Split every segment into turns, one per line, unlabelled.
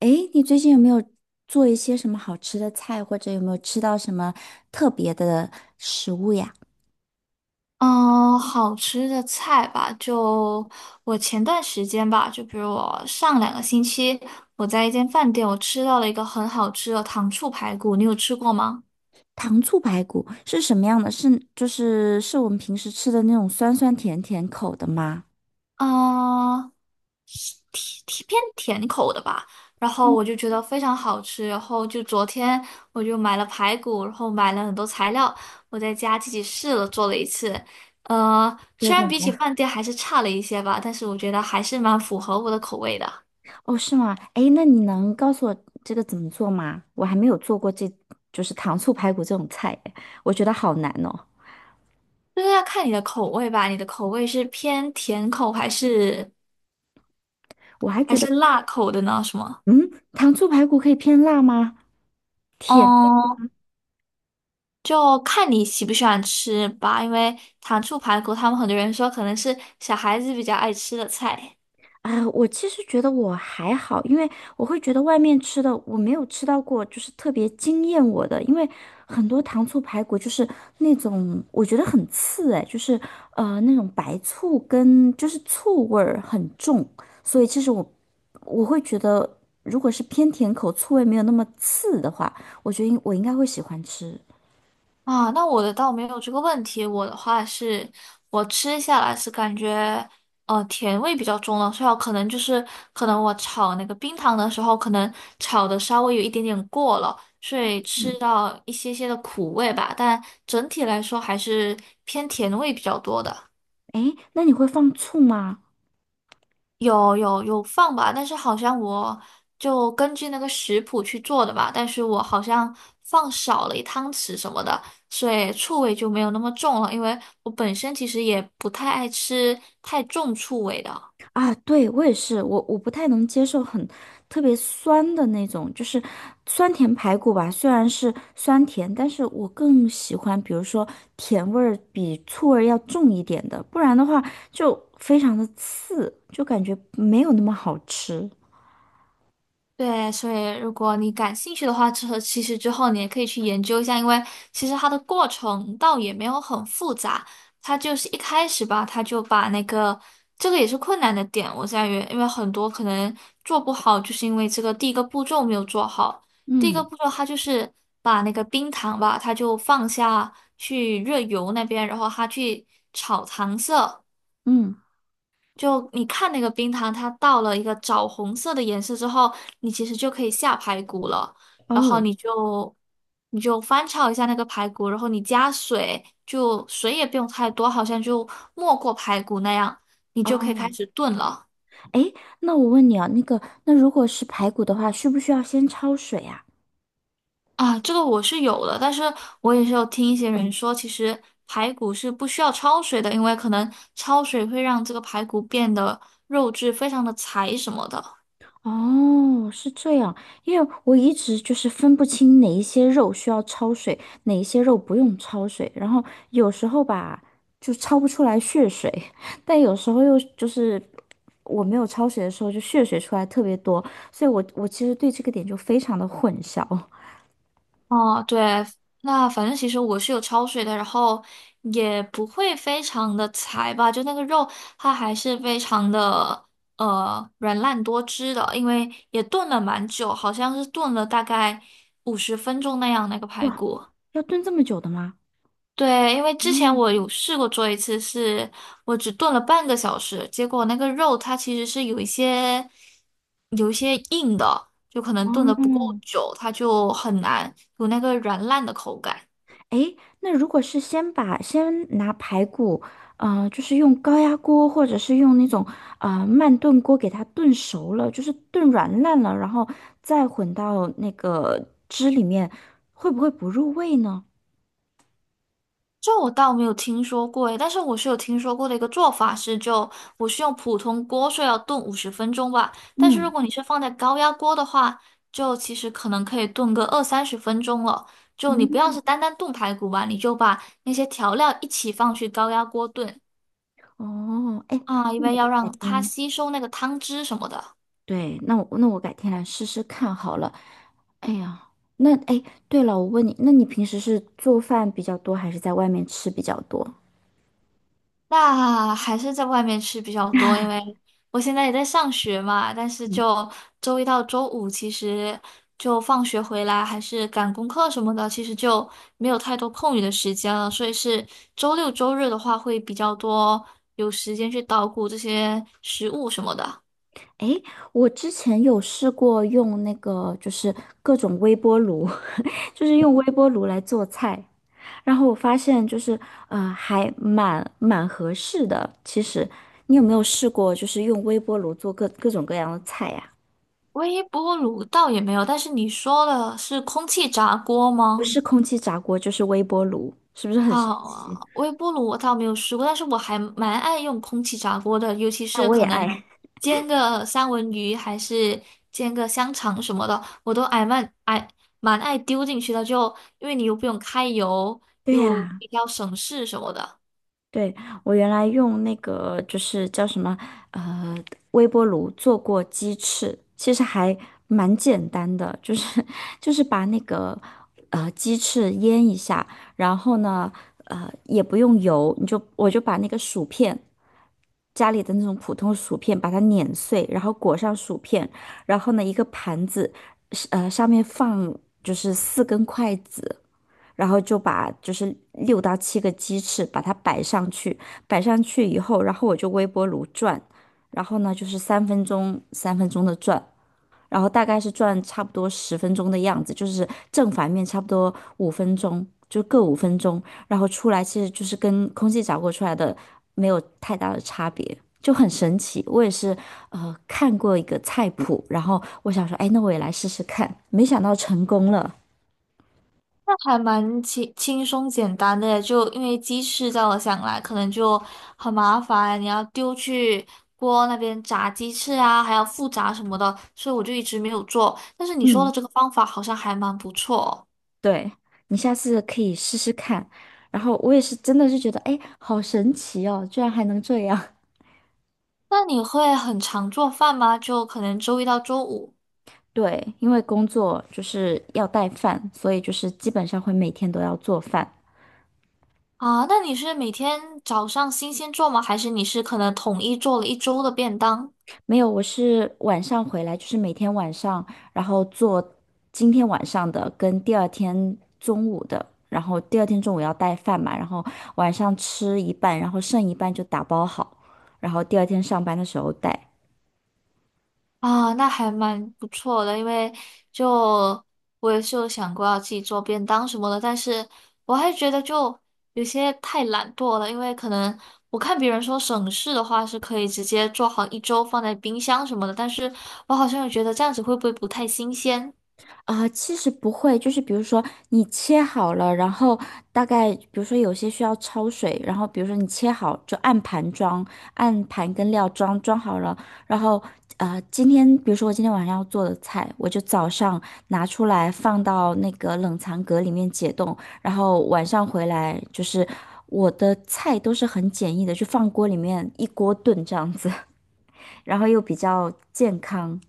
诶，你最近有没有做一些什么好吃的菜，或者有没有吃到什么特别的食物呀？
嗯，好吃的菜吧，就我前段时间吧，就比如我上2个星期，我在一间饭店，我吃到了一个很好吃的糖醋排骨，你有吃过吗？
糖醋排骨是什么样的？是就是我们平时吃的那种酸酸甜甜口的吗？
嗯，偏甜口的吧，然后我就觉得非常好吃，然后就昨天我就买了排骨，然后买了很多材料，我在家自己试了做了一次，
觉得
虽
怎
然
么
比起
样？
饭店还是差了一些吧，但是我觉得还是蛮符合我的口味的。
哦，是吗？诶，那你能告诉我这个怎么做吗？我还没有做过这，就是糖醋排骨这种菜耶，我觉得好难哦。
就是要看你的口味吧，你的口味是偏甜口还是
我还觉得，
辣口的呢？什么？
嗯，糖醋排骨可以偏辣吗？甜。
嗯，就看你喜不喜欢吃吧，因为糖醋排骨，他们很多人说可能是小孩子比较爱吃的菜。
啊，我其实觉得我还好，因为我会觉得外面吃的我没有吃到过，就是特别惊艳我的，因为很多糖醋排骨就是那种我觉得很刺哎，就是那种白醋跟就是醋味儿很重，所以其实我会觉得如果是偏甜口，醋味没有那么刺的话，我觉得我应该会喜欢吃。
啊，那我的倒没有这个问题。我的话是，我吃下来是感觉，甜味比较重了，所以我可能就是，可能我炒那个冰糖的时候，可能炒的稍微有一点点过了，所以
嗯，
吃到一些些的苦味吧。但整体来说还是偏甜味比较多的。
哎，那你会放醋吗？
有放吧，但是好像我就根据那个食谱去做的吧，但是我好像放少了一汤匙什么的，所以醋味就没有那么重了，因为我本身其实也不太爱吃太重醋味的。
啊，对，我也是，我不太能接受很特别酸的那种，就是酸甜排骨吧。虽然是酸甜，但是我更喜欢，比如说甜味儿比醋味儿要重一点的，不然的话就非常的刺，就感觉没有那么好吃。
对，所以如果你感兴趣的话，之后其实之后你也可以去研究一下，因为其实它的过程倒也没有很复杂，它就是一开始吧，它就把那个这个也是困难的点，我在于，因为很多可能做不好，就是因为这个第一个步骤没有做好，第一个
嗯
步骤它就是把那个冰糖吧，它就放下去热油那边，然后它去炒糖色。
嗯，
就你看那个冰糖，它到了一个枣红色的颜色之后，你其实就可以下排骨了。然后
哦
你就翻炒一下那个排骨，然后你加水，就水也不用太多，好像就没过排骨那样，你就可以
哦，
开始炖了。
哎，那我问你啊，那个，那如果是排骨的话，需不需要先焯水啊？
啊，这个我是有的，但是我也是有听一些人说，其实排骨是不需要焯水的，因为可能焯水会让这个排骨变得肉质非常的柴什么的。
哦，是这样，因为我一直就是分不清哪一些肉需要焯水，哪一些肉不用焯水，然后有时候吧就焯不出来血水，但有时候又就是我没有焯水的时候就血水出来特别多，所以我其实对这个点就非常的混淆。
哦，对，那反正其实我是有焯水的，然后也不会非常的柴吧，就那个肉它还是非常的软烂多汁的，因为也炖了蛮久，好像是炖了大概五十分钟那样那个排
哇，
骨。
要炖这么久的吗？
对，因为之前
嗯，
我有试过做一次是，我只炖了半个小时，结果那个肉它其实是有一些硬的，就可能炖的不够
哦，
久，它就很难有那个软烂的口感。
诶，那如果是先拿排骨，就是用高压锅或者是用那种慢炖锅给它炖熟了，就是炖软烂了，然后再混到那个汁里面，会不会不入味呢？
这我倒没有听说过诶，但是我是有听说过的一个做法是就，我是用普通锅，所以要炖五十分钟吧。但是如
嗯
果你是放在高压锅的话，就其实可能可以炖个二三十分钟了。就你不要
嗯，
是单单炖排骨吧，你就把那些调料一起放去高压锅炖
哦，哎，
啊，因
那我
为
就
要
改
让它
天，
吸收那个汤汁什么的。
对，那我改天来试试看好了。哎呀，那哎，对了，我问你，那你平时是做饭比较多，还是在外面吃比较多？
那还是在外面吃比较多，因为 我现在也在上学嘛，但是
嗯
就周一到周五，其实就放学回来还是赶功课什么的，其实就没有太多空余的时间了，所以是周六周日的话会比较多有时间去捣鼓这些食物什么的。
诶，我之前有试过用那个，就是各种微波炉，就是用微波炉来做菜，然后我发现就是，还蛮合适的。其实，你有没有试过，就是用微波炉做各种各样的菜呀、
微波炉倒也没有，但是你说的是空气炸锅
不
吗？
是空气炸锅，就是微波炉，是不是很神
啊，
奇？
微波炉我倒没有试过，但是我还蛮爱用空气炸锅的，尤其
那
是
我也
可能
爱。
煎个三文鱼，还是煎个香肠什么的，我都爱蛮爱蛮爱丢进去的，就因为你又不用开油，
对
又
呀、
比较省事什么的。
对，我原来用那个就是叫什么呃微波炉做过鸡翅，其实还蛮简单的，就是 就是把那个鸡翅腌一下，然后呢也不用油，我就把那个薯片家里的那种普通薯片把它碾碎，然后裹上薯片，然后呢一个盘子是上面放就是4根筷子，然后就把就是6到7个鸡翅把它摆上去，摆上去以后，然后我就微波炉转，然后呢就是3分钟3分钟的转，然后大概是转差不多10分钟的样子，就是正反面差不多五分钟，就各五分钟，然后出来其实就是跟空气炸锅出来的没有太大的差别。就很神奇，我也是，看过一个菜谱，然后我想说，哎，那我也来试试看，没想到成功了。
还蛮轻松简单的，就因为鸡翅在我想来可能就很麻烦，你要丢去锅那边炸鸡翅啊，还要复炸什么的，所以我就一直没有做。但是你说的
嗯。
这个方法好像还蛮不错。
对，你下次可以试试看。然后我也是真的是觉得，哎，好神奇哦，居然还能这样。
那你会很常做饭吗？就可能周一到周五
对，因为工作就是要带饭，所以就是基本上会每天都要做饭。
啊？那你是每天早上新鲜做吗？还是你是可能统一做了一周的便当？
没有，我是晚上回来，就是每天晚上，然后做今天晚上的跟第二天中午的，然后第二天中午要带饭嘛，然后晚上吃一半，然后剩一半就打包好，然后第二天上班的时候带。
啊，那还蛮不错的，因为就我也是有想过要自己做便当什么的，但是我还觉得就有些太懒惰了，因为可能我看别人说省事的话是可以直接做好一周放在冰箱什么的，但是我好像又觉得这样子会不会不太新鲜？
啊，其实不会，就是比如说你切好了，然后大概比如说有些需要焯水，然后比如说你切好就按盘装，按盘跟料装好了，然后今天比如说我今天晚上要做的菜，我就早上拿出来放到那个冷藏格里面解冻，然后晚上回来就是我的菜都是很简易的，就放锅里面一锅炖这样子，然后又比较健康。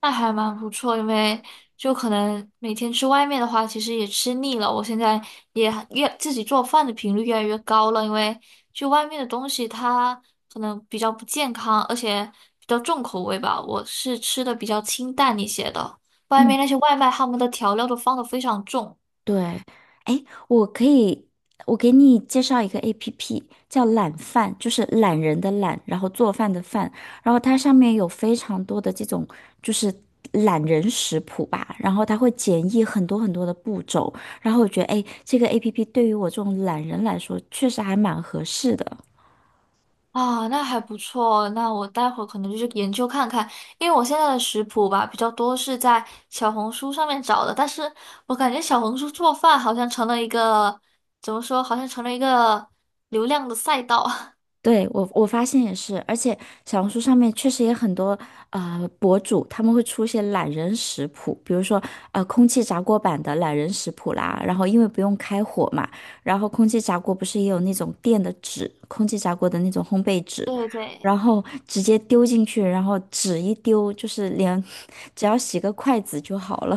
那还蛮不错，因为就可能每天吃外面的话，其实也吃腻了。我现在也越自己做饭的频率越来越高了，因为就外面的东西它可能比较不健康，而且比较重口味吧。我是吃的比较清淡一些的，外
嗯。
面那些外卖他们的调料都放的非常重。
对，哎，我可以，我给你介绍一个 APP，叫懒饭，就是懒人的懒，然后做饭的饭，然后它上面有非常多的这种就是懒人食谱吧，然后它会简易很多很多的步骤，然后我觉得，哎，这个 APP 对于我这种懒人来说，确实还蛮合适的。
啊，那还不错。那我待会儿可能就是研究看看，因为我现在的食谱吧比较多是在小红书上面找的，但是我感觉小红书做饭好像成了一个，怎么说，好像成了一个流量的赛道。
对，我发现也是，而且小红书上面确实也很多博主，他们会出一些懒人食谱，比如说空气炸锅版的懒人食谱啦，然后因为不用开火嘛，然后空气炸锅不是也有那种垫的纸，空气炸锅的那种烘焙纸，
对对
然后直接丢进去，然后纸一丢，就是连 只要洗个筷子就好了。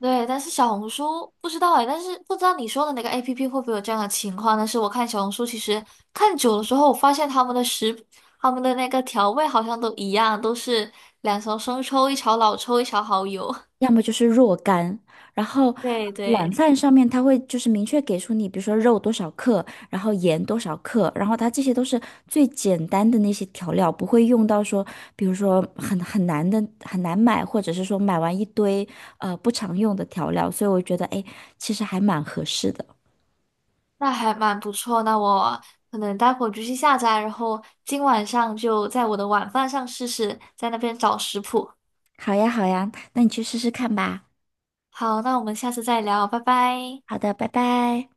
对，但是小红书不知道哎，但是不知道你说的那个 APP 会不会有这样的情况？但是我看小红书其实看久了之后，我发现他们的食，他们的那个调味好像都一样，都是2勺生抽，一勺老抽，一勺蚝油。
要么就是若干，然后
对
懒
对。
饭上面它会就是明确给出你，比如说肉多少克，然后盐多少克，然后它这些都是最简单的那些调料，不会用到说，比如说很难的很难买，或者是说买完一堆不常用的调料，所以我觉得哎，诶其实还蛮合适的。
那还蛮不错。那我可能待会儿就去下载，然后今晚上就在我的晚饭上试试，在那边找食谱。
好呀，好呀，那你去试试看吧。
好，那我们下次再聊，拜拜。
好的，拜拜。